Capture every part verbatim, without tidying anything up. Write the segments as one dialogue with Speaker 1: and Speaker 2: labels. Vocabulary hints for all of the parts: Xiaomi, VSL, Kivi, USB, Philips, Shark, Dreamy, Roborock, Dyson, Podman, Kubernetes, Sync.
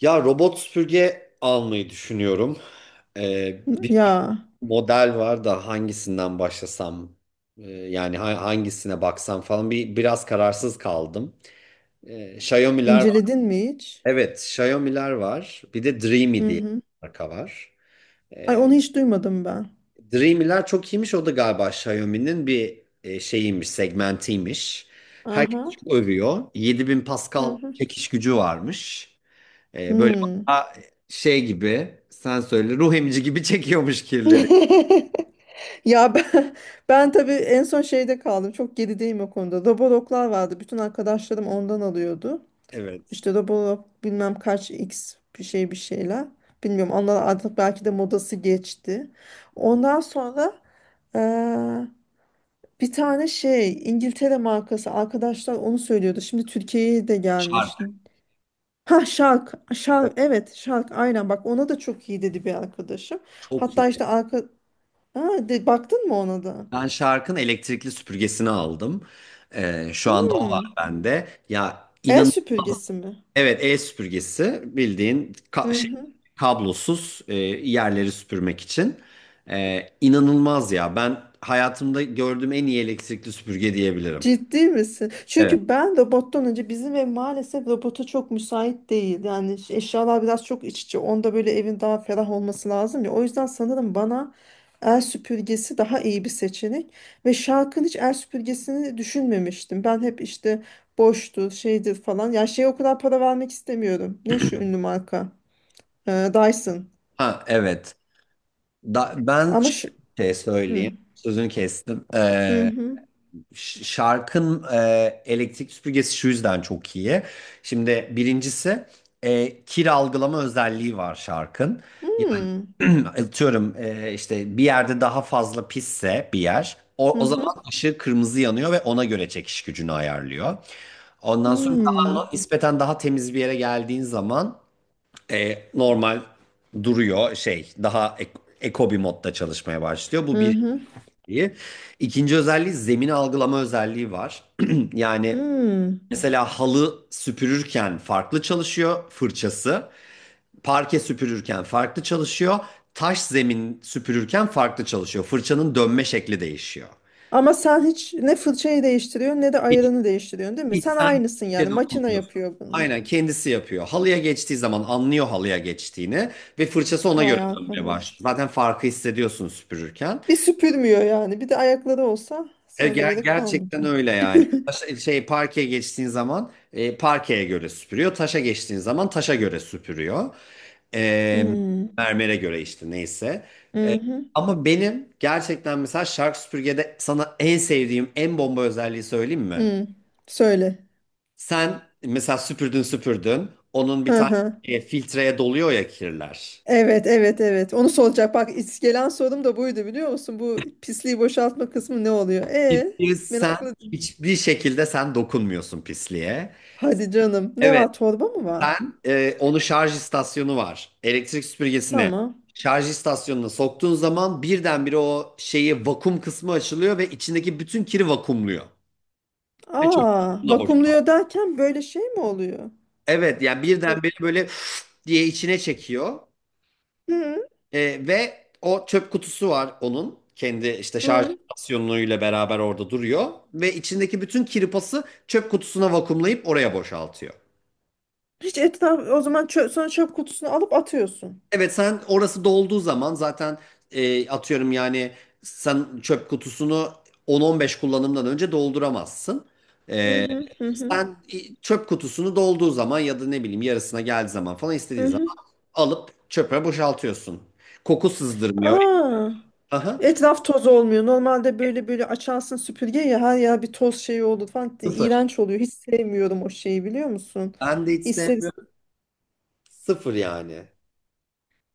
Speaker 1: Ya robot süpürge almayı düşünüyorum. Ee, bir sürü
Speaker 2: Ya
Speaker 1: model var da hangisinden başlasam e, yani ha- hangisine baksam falan bir biraz kararsız kaldım. Ee, Xiaomi'ler var.
Speaker 2: inceledin mi hiç?
Speaker 1: Evet, Xiaomi'ler var. Bir de Dreamy
Speaker 2: Hı
Speaker 1: diye bir
Speaker 2: hı.
Speaker 1: marka var.
Speaker 2: Ay
Speaker 1: Ee,
Speaker 2: onu hiç duymadım ben.
Speaker 1: Dreamy'ler çok iyiymiş. O da galiba Xiaomi'nin bir e, şeyiymiş, segmentiymiş. Herkes
Speaker 2: Aha.
Speaker 1: çok övüyor. yedi bin
Speaker 2: Hı
Speaker 1: Pascal
Speaker 2: hı.
Speaker 1: çekiş gücü varmış. Ee, böyle
Speaker 2: Hmm.
Speaker 1: bana şey gibi, sen söyle, ruh emici gibi çekiyormuş kirleri.
Speaker 2: Ya ben, ben tabii en son şeyde kaldım. Çok gerideyim o konuda. Roborocklar vardı. Bütün arkadaşlarım ondan alıyordu.
Speaker 1: Evet.
Speaker 2: İşte Roborob bilmem kaç X bir şey bir şeyler. Bilmiyorum onlar artık belki de modası geçti. Ondan sonra eee, bir tane şey İngiltere markası arkadaşlar onu söylüyordu. Şimdi Türkiye'ye de gelmiş.
Speaker 1: Şarkı
Speaker 2: Ha Shark, Shark evet Shark aynen bak ona da çok iyi dedi bir arkadaşım.
Speaker 1: çok iyi.
Speaker 2: Hatta işte arka ha, de, baktın mı ona da?
Speaker 1: Ben şarkın elektrikli süpürgesini aldım. Ee, şu anda o var
Speaker 2: Hmm.
Speaker 1: bende. Ya
Speaker 2: El
Speaker 1: inanılmaz.
Speaker 2: süpürgesi mi?
Speaker 1: Evet, el süpürgesi, bildiğin ka- şey,
Speaker 2: Hı.
Speaker 1: kablosuz, e, yerleri süpürmek için. Ee, inanılmaz ya. Ben hayatımda gördüğüm en iyi elektrikli süpürge diyebilirim.
Speaker 2: Ciddi misin?
Speaker 1: Evet.
Speaker 2: Çünkü ben robottan önce bizim ev maalesef robota çok müsait değil. Yani ş- eşyalar biraz çok iç içe. Onda böyle evin daha ferah olması lazım ya. O yüzden sanırım bana el süpürgesi daha iyi bir seçenek. Ve Shark'ın hiç el süpürgesini düşünmemiştim. Ben hep işte boştur, şeydir falan. Ya şeye o kadar para vermek istemiyorum. Ne şu ünlü marka? Ee, Dyson.
Speaker 1: Ha, evet. Da, ben
Speaker 2: Ama şu...
Speaker 1: şey
Speaker 2: Hı
Speaker 1: söyleyeyim.
Speaker 2: hı.
Speaker 1: Sözünü kestim.
Speaker 2: Hı
Speaker 1: Ee,
Speaker 2: hı.
Speaker 1: ş- Şarkın e, elektrik süpürgesi şu yüzden çok iyi. Şimdi birincisi e, kir algılama özelliği var şarkın. Yani atıyorum, e, işte bir yerde daha fazla pisse bir yer, o,
Speaker 2: Hı
Speaker 1: o zaman
Speaker 2: hı.
Speaker 1: ışığı kırmızı yanıyor ve ona göre çekiş gücünü ayarlıyor.
Speaker 2: Hı
Speaker 1: Ondan sonra
Speaker 2: hı.
Speaker 1: daha, nispeten daha temiz bir yere geldiğin zaman e, normal duruyor, şey, daha ek- eko bir modda çalışmaya başlıyor. Bu
Speaker 2: Hı
Speaker 1: bir
Speaker 2: hı.
Speaker 1: özelliği. İkinci özelliği, zemini algılama özelliği var. Yani
Speaker 2: Hı.
Speaker 1: mesela halı süpürürken farklı çalışıyor fırçası. Parke süpürürken farklı çalışıyor. Taş zemin süpürürken farklı çalışıyor. Fırçanın dönme şekli değişiyor.
Speaker 2: Ama sen hiç ne fırçayı değiştiriyorsun ne de ayarını değiştiriyorsun değil mi?
Speaker 1: Hiç
Speaker 2: Sen
Speaker 1: sen
Speaker 2: aynısın yani.
Speaker 1: Hiçe
Speaker 2: Makine
Speaker 1: dokunmuyorsun.
Speaker 2: yapıyor bunu.
Speaker 1: Aynen kendisi yapıyor. Halıya geçtiği zaman anlıyor halıya geçtiğini ve fırçası ona göre
Speaker 2: Vay
Speaker 1: dönmeye
Speaker 2: arkadaş.
Speaker 1: başlıyor. Zaten farkı hissediyorsun süpürürken.
Speaker 2: Bir süpürmüyor yani. Bir de ayakları olsa
Speaker 1: E,
Speaker 2: sana da
Speaker 1: ger-
Speaker 2: gerek
Speaker 1: gerçekten
Speaker 2: kalmayacak.
Speaker 1: öyle yani. Taşa- şey, parkeye geçtiğin zaman, e, parkeye göre süpürüyor. Taşa geçtiğin zaman taşa göre süpürüyor. E,
Speaker 2: Hmm.
Speaker 1: Mermere göre, işte neyse. E,
Speaker 2: Mhm,
Speaker 1: Ama benim gerçekten mesela Shark süpürgede sana en sevdiğim, en bomba özelliği söyleyeyim mi?
Speaker 2: hmm. Söyle.
Speaker 1: Sen mesela süpürdün süpürdün. Onun bir
Speaker 2: Hı
Speaker 1: tane
Speaker 2: hı.
Speaker 1: e, filtreye doluyor ya kirler.
Speaker 2: Evet, evet, evet. Onu soracak. Bak is- gelen sorum da buydu biliyor musun? Bu pisliği boşaltma kısmı ne oluyor? E,
Speaker 1: Pisliği sen
Speaker 2: merakla.
Speaker 1: hiçbir şekilde, sen dokunmuyorsun pisliğe.
Speaker 2: Hadi canım. Ne
Speaker 1: Evet,
Speaker 2: var? Torba mı var?
Speaker 1: sen e, onu, şarj istasyonu var. Elektrik süpürgesine,
Speaker 2: Tamam.
Speaker 1: şarj istasyonuna soktuğun zaman birdenbire o şeyi, vakum kısmı açılıyor ve içindeki bütün kiri vakumluyor. Ve çöp
Speaker 2: Aa,
Speaker 1: kutusuna boşaltıyor.
Speaker 2: vakumluyor derken böyle şey mi oluyor?
Speaker 1: Evet, yani birdenbire böyle diye içine çekiyor.
Speaker 2: Hı
Speaker 1: E, ve o çöp kutusu var onun. Kendi, işte şarj
Speaker 2: hı.
Speaker 1: istasyonuyla beraber orada duruyor. Ve içindeki bütün kirpası çöp kutusuna vakumlayıp oraya boşaltıyor.
Speaker 2: Hiç etraf o zaman çö sonra çöp kutusunu alıp atıyorsun.
Speaker 1: Evet, sen orası dolduğu zaman zaten, e, atıyorum yani, sen çöp kutusunu on on beş kullanımdan önce dolduramazsın.
Speaker 2: Hı
Speaker 1: E,
Speaker 2: hı hı hı.
Speaker 1: sen i- Çöp kutusunu dolduğu zaman ya da ne bileyim yarısına geldiği zaman falan, istediğin
Speaker 2: Hı hı.
Speaker 1: zaman alıp çöpe boşaltıyorsun. Koku sızdırmıyor.
Speaker 2: Aa,
Speaker 1: Aha.
Speaker 2: etraf toz olmuyor. Normalde böyle böyle açarsın süpürge ya her yer bir toz şeyi olur falan.
Speaker 1: Sıfır.
Speaker 2: İğrenç oluyor. Hiç sevmiyorum o şeyi biliyor musun?
Speaker 1: Ben de hiç
Speaker 2: İster
Speaker 1: sevmem.
Speaker 2: is-
Speaker 1: Sıfır yani.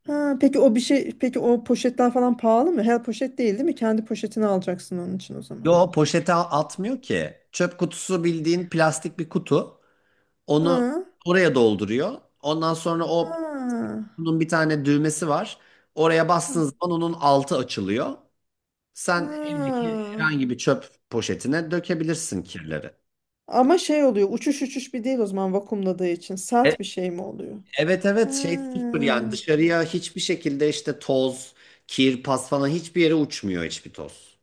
Speaker 2: Ha, peki o bir şey peki o poşetler falan pahalı mı? Her poşet değil değil mi? Kendi poşetini alacaksın onun için o zaman.
Speaker 1: Yo, poşete a- atmıyor ki. Çöp kutusu, bildiğin plastik bir kutu. Onu
Speaker 2: Ha,
Speaker 1: oraya dolduruyor. Ondan sonra o
Speaker 2: ha,
Speaker 1: kutunun bir tane düğmesi var. Oraya bastığın
Speaker 2: ha.
Speaker 1: zaman onun altı açılıyor.
Speaker 2: Ha.
Speaker 1: Sen evdeki herhangi bir çöp poşetine dökebilirsin kirleri.
Speaker 2: Ama şey oluyor uçuş uçuş bir değil o zaman vakumladığı için
Speaker 1: E-
Speaker 2: sert bir şey mi oluyor?
Speaker 1: Evet,
Speaker 2: Ha.
Speaker 1: evet, şey, sıfır yani. Dışarıya hiçbir şekilde, işte toz, kir, pas falan, hiçbir yere uçmuyor hiçbir toz.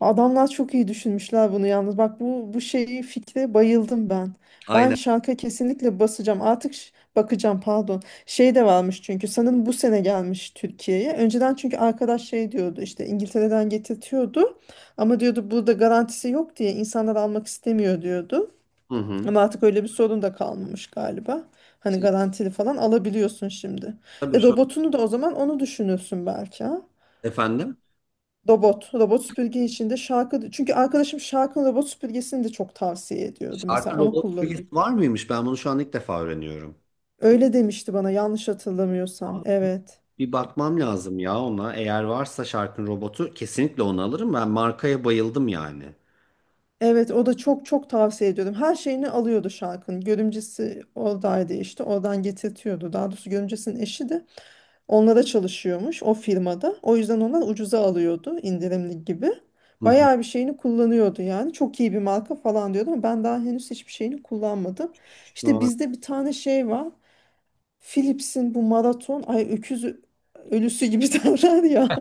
Speaker 2: Adamlar çok iyi düşünmüşler bunu yalnız. Bak bu bu şeyi fikre bayıldım ben. Ben
Speaker 1: Aynen.
Speaker 2: şarka kesinlikle basacağım. Artık ş- bakacağım pardon. Şey de varmış çünkü sanırım bu sene gelmiş Türkiye'ye. Önceden çünkü arkadaş şey diyordu işte İngiltere'den getirtiyordu. Ama diyordu burada garantisi yok diye insanlar almak istemiyor diyordu.
Speaker 1: Hı hı.
Speaker 2: Ama artık öyle bir sorun da kalmamış galiba. Hani
Speaker 1: Şey,
Speaker 2: garantili falan alabiliyorsun şimdi.
Speaker 1: tabii
Speaker 2: E
Speaker 1: şu
Speaker 2: robotunu da o zaman onu düşünürsün belki ha.
Speaker 1: efendim.
Speaker 2: Robot, robot süpürge içinde şarkı. Çünkü arkadaşım şarkının robot süpürgesini de çok tavsiye ediyordu. Mesela
Speaker 1: Artı
Speaker 2: onu
Speaker 1: Roblox Free'si
Speaker 2: kullanıyor.
Speaker 1: var mıymış? Ben bunu şu an ilk defa öğreniyorum.
Speaker 2: Öyle demişti bana yanlış hatırlamıyorsam. Evet.
Speaker 1: Bir bakmam lazım ya ona. Eğer varsa şarkın robotu, kesinlikle onu alırım. Ben markaya bayıldım yani.
Speaker 2: Evet o da çok çok tavsiye ediyordum. Her şeyini alıyordu şarkının. Görümcesi oradaydı işte. Oradan getirtiyordu. Daha doğrusu görümcesinin eşi de. Onlara çalışıyormuş o firmada. O yüzden onlar ucuza alıyordu indirimli gibi.
Speaker 1: Hı hı.
Speaker 2: Bayağı bir şeyini kullanıyordu yani. Çok iyi bir marka falan diyordu ama ben daha henüz hiçbir şeyini kullanmadım.
Speaker 1: Şu
Speaker 2: İşte
Speaker 1: an
Speaker 2: bizde bir tane şey var. Philips'in bu maraton ay öküz ölüsü gibi derler ya.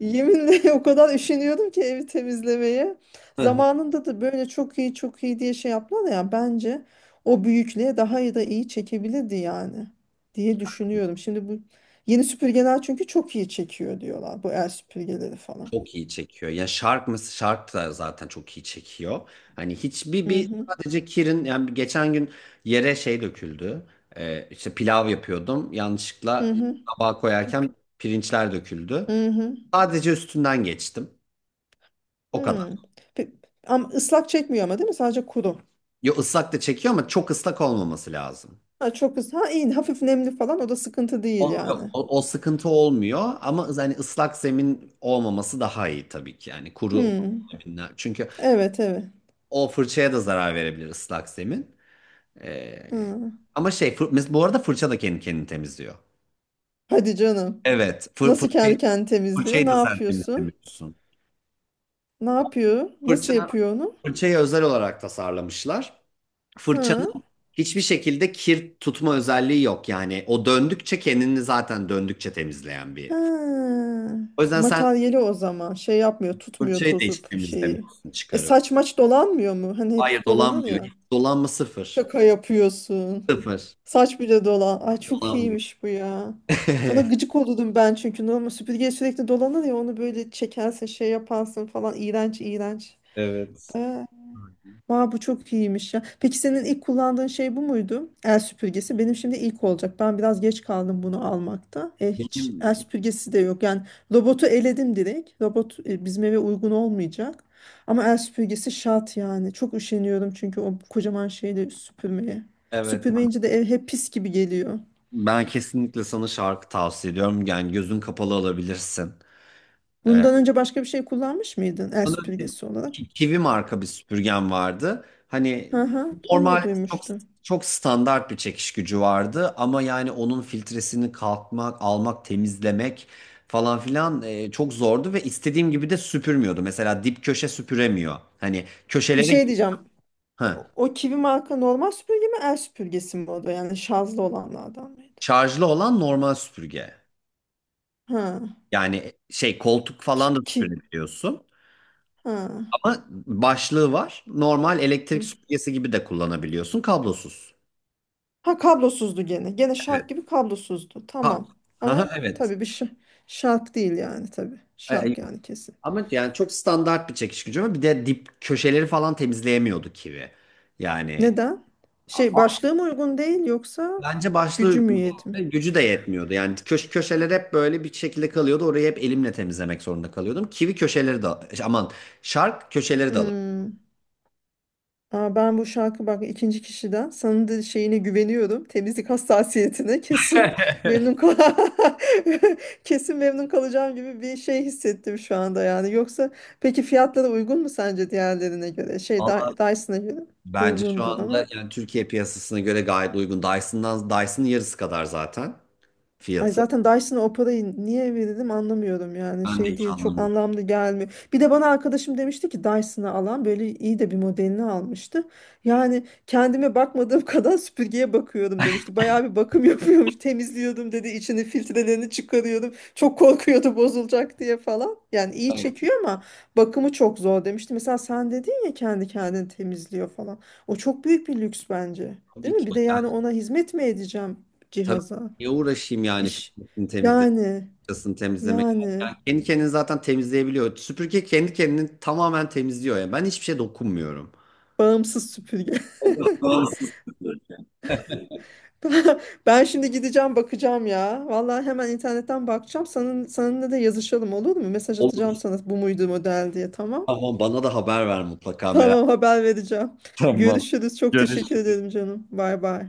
Speaker 2: Yeminle o kadar üşeniyordum ki evi temizlemeye. Zamanında da böyle çok iyi çok iyi diye şey yaptılar ya bence o büyüklüğe daha iyi da iyi çekebilirdi yani diye düşünüyorum. Şimdi bu yeni süpürgeler çünkü çok iyi çekiyor diyorlar bu el süpürgeleri falan.
Speaker 1: çok iyi çekiyor. Ya şark mı? Shark da zaten çok iyi çekiyor. Hani hiçbir,
Speaker 2: Hı
Speaker 1: bir
Speaker 2: hı.
Speaker 1: sadece Kirin yani, geçen gün yere şey döküldü. Ee, işte pilav yapıyordum.
Speaker 2: Hı
Speaker 1: Yanlışlıkla
Speaker 2: hı.
Speaker 1: tabağa koyarken pirinçler döküldü.
Speaker 2: Hı hı.
Speaker 1: Sadece üstünden geçtim. O kadar.
Speaker 2: Hı. Pe- Ama ıslak çekmiyor ama değil mi? Sadece kuru.
Speaker 1: Yo, ıslak da çekiyor ama çok ıslak olmaması lazım.
Speaker 2: Ha, çok ıslak. Ha iyi hafif nemli falan o da sıkıntı değil
Speaker 1: Olmuyor.
Speaker 2: yani.
Speaker 1: O, o sıkıntı olmuyor ama yani ıslak zemin olmaması daha iyi tabii ki, yani kuru
Speaker 2: Hı.
Speaker 1: zeminler. Çünkü
Speaker 2: Evet evet.
Speaker 1: o fırçaya da zarar verebilir ıslak zemin. Ee,
Speaker 2: Hı.
Speaker 1: Ama şey, fır, mes- bu arada fırça da kendi kendini temizliyor.
Speaker 2: Hadi canım.
Speaker 1: Evet, fır,
Speaker 2: Nasıl
Speaker 1: fırçayı,
Speaker 2: kendi kendini temizliyor? Ne
Speaker 1: fırçayı da sen
Speaker 2: yapıyorsun?
Speaker 1: temizlemiyorsun.
Speaker 2: Ne yapıyor? Nasıl
Speaker 1: Fırça,
Speaker 2: yapıyor onu?
Speaker 1: Fırçayı özel olarak tasarlamışlar.
Speaker 2: Ha.
Speaker 1: Fırçanın hiçbir şekilde kir tutma özelliği yok, yani o döndükçe kendini, zaten döndükçe temizleyen bir.
Speaker 2: Ha.
Speaker 1: O yüzden sen
Speaker 2: Materyali o zaman. Şey yapmıyor, tutmuyor
Speaker 1: fırçayı da hiç
Speaker 2: tozup şeyi.
Speaker 1: temizlemiyorsun
Speaker 2: E
Speaker 1: çıkarıp.
Speaker 2: saç maç dolanmıyor mu? Hani
Speaker 1: Hayır,
Speaker 2: hepsi dolanır
Speaker 1: dolanmıyor.
Speaker 2: ya.
Speaker 1: Dolanma sıfır.
Speaker 2: Şaka yapıyorsun.
Speaker 1: Sıfır.
Speaker 2: Saç bile dolan. Ay çok
Speaker 1: Dolanmıyor.
Speaker 2: iyiymiş bu ya. Ona gıcık olurdum ben çünkü normal süpürge sürekli dolanır ya onu böyle çekersin şey yaparsın falan iğrenç iğrenç.
Speaker 1: Evet.
Speaker 2: Ee, Aa, bu çok iyiymiş ya. Peki senin ilk kullandığın şey bu muydu? El süpürgesi. Benim şimdi ilk olacak. Ben biraz geç kaldım bunu almakta. E, hiç el
Speaker 1: Benim
Speaker 2: süpürgesi de yok. Yani robotu eledim direkt. Robot e, bizim eve uygun olmayacak. Ama el süpürgesi şart yani. Çok üşeniyorum çünkü o kocaman şeyle süpürmeye.
Speaker 1: evet
Speaker 2: Süpürmeyince de ev hep pis gibi geliyor.
Speaker 1: Ben kesinlikle sana şarkı tavsiye ediyorum. Yani gözün kapalı alabilirsin. Ee,
Speaker 2: Bundan önce başka bir şey kullanmış mıydın el
Speaker 1: Ondan önce
Speaker 2: süpürgesi olarak?
Speaker 1: Ki- Kivi marka bir süpürgem vardı. Hani
Speaker 2: Hı hı, onu
Speaker 1: normal,
Speaker 2: da
Speaker 1: çok
Speaker 2: duymuştum.
Speaker 1: çok standart bir çekiş gücü vardı ama yani onun filtresini kalkmak, almak, temizlemek falan filan, e, çok zordu ve istediğim gibi de süpürmüyordu. Mesela dip köşe süpüremiyor. Hani
Speaker 2: Bir
Speaker 1: köşelere.
Speaker 2: şey diyeceğim.
Speaker 1: Ha,
Speaker 2: O, o kivi marka normal süpürge mi el süpürgesi mi o da yani şarjlı olanlardan mıydı?
Speaker 1: şarjlı olan normal süpürge.
Speaker 2: Ha.
Speaker 1: Yani şey, koltuk
Speaker 2: Ki,
Speaker 1: falan da
Speaker 2: ki.
Speaker 1: süpürebiliyorsun.
Speaker 2: Ha.
Speaker 1: Ama başlığı var. Normal elektrik
Speaker 2: Hı.
Speaker 1: süpürgesi gibi de kullanabiliyorsun. Kablosuz.
Speaker 2: Ha kablosuzdu gene. Gene şark
Speaker 1: Evet.
Speaker 2: gibi kablosuzdu.
Speaker 1: Ha,
Speaker 2: Tamam.
Speaker 1: ha,
Speaker 2: Ama
Speaker 1: evet.
Speaker 2: tabii bir şa- şark değil yani tabii.
Speaker 1: E, e,
Speaker 2: Şark
Speaker 1: yok.
Speaker 2: yani kesin.
Speaker 1: Ama yani çok standart bir çekiş gücü var. Bir de dip köşeleri falan temizleyemiyordu kivi. Yani
Speaker 2: Neden?
Speaker 1: a-
Speaker 2: Şey
Speaker 1: a-
Speaker 2: başlığı mı uygun değil yoksa
Speaker 1: bence başlığı
Speaker 2: gücü mü
Speaker 1: uygun
Speaker 2: yetmiyor?
Speaker 1: değil. Gücü de yetmiyordu. Yani köş köşeler hep böyle bir şekilde kalıyordu. Orayı hep elimle temizlemek zorunda kalıyordum. Kivi köşeleri de, aman, şark köşeleri de alır.
Speaker 2: Hmm. Aa, ben bu şarkı bak ikinci kişiden sana da şeyine güveniyorum. Temizlik hassasiyetine kesin memnun kal kesin memnun kalacağım gibi bir şey hissettim şu anda yani. Yoksa peki fiyatları uygun mu sence diğerlerine göre? Şey
Speaker 1: Valla
Speaker 2: Dy- Dyson'a göre
Speaker 1: bence şu
Speaker 2: uygundur
Speaker 1: anda
Speaker 2: ama.
Speaker 1: yani Türkiye piyasasına göre gayet uygun. Dyson'dan, Dyson'ın yarısı kadar zaten
Speaker 2: Ay
Speaker 1: fiyatı.
Speaker 2: zaten Dyson'a o parayı niye verelim anlamıyorum yani
Speaker 1: Ben de
Speaker 2: şey
Speaker 1: hiç
Speaker 2: değil çok
Speaker 1: anlamıyorum.
Speaker 2: anlamlı gelmiyor. Bir de bana arkadaşım demişti ki Dyson'ı alan böyle iyi de bir modelini almıştı. Yani kendime bakmadığım kadar süpürgeye bakıyordum demişti. Bayağı bir bakım yapıyormuş temizliyordum dedi içini filtrelerini çıkarıyordum. Çok korkuyordu bozulacak diye falan. Yani iyi
Speaker 1: Hayır,
Speaker 2: çekiyor ama bakımı çok zor demişti. Mesela sen dedin ya kendi kendini temizliyor falan. O çok büyük bir lüks bence.
Speaker 1: tabii
Speaker 2: Değil
Speaker 1: ki.
Speaker 2: mi? Bir de
Speaker 1: Yani
Speaker 2: yani ona hizmet mi edeceğim
Speaker 1: tabii,
Speaker 2: cihaza?
Speaker 1: niye uğraşayım yani,
Speaker 2: İş.
Speaker 1: filtresini temizle,
Speaker 2: Yani,
Speaker 1: fırçasını temizlemek. Yani
Speaker 2: yani
Speaker 1: kendi kendini zaten temizleyebiliyor. Süpürge kendi kendini tamamen temizliyor. Yani ben hiçbir şey dokunmuyorum.
Speaker 2: bağımsız süpürge.
Speaker 1: Tamam.
Speaker 2: Ben şimdi gideceğim bakacağım ya. Vallahi hemen internetten bakacağım. Senin, seninle de yazışalım olur mu? Mesaj atacağım
Speaker 1: Olur,
Speaker 2: sana bu muydu model diye tamam.
Speaker 1: tamam, bana da haber ver mutlaka, merak
Speaker 2: Tamam haber vereceğim.
Speaker 1: etme. Tamam.
Speaker 2: Görüşürüz. Çok teşekkür ederim canım. Bay bay.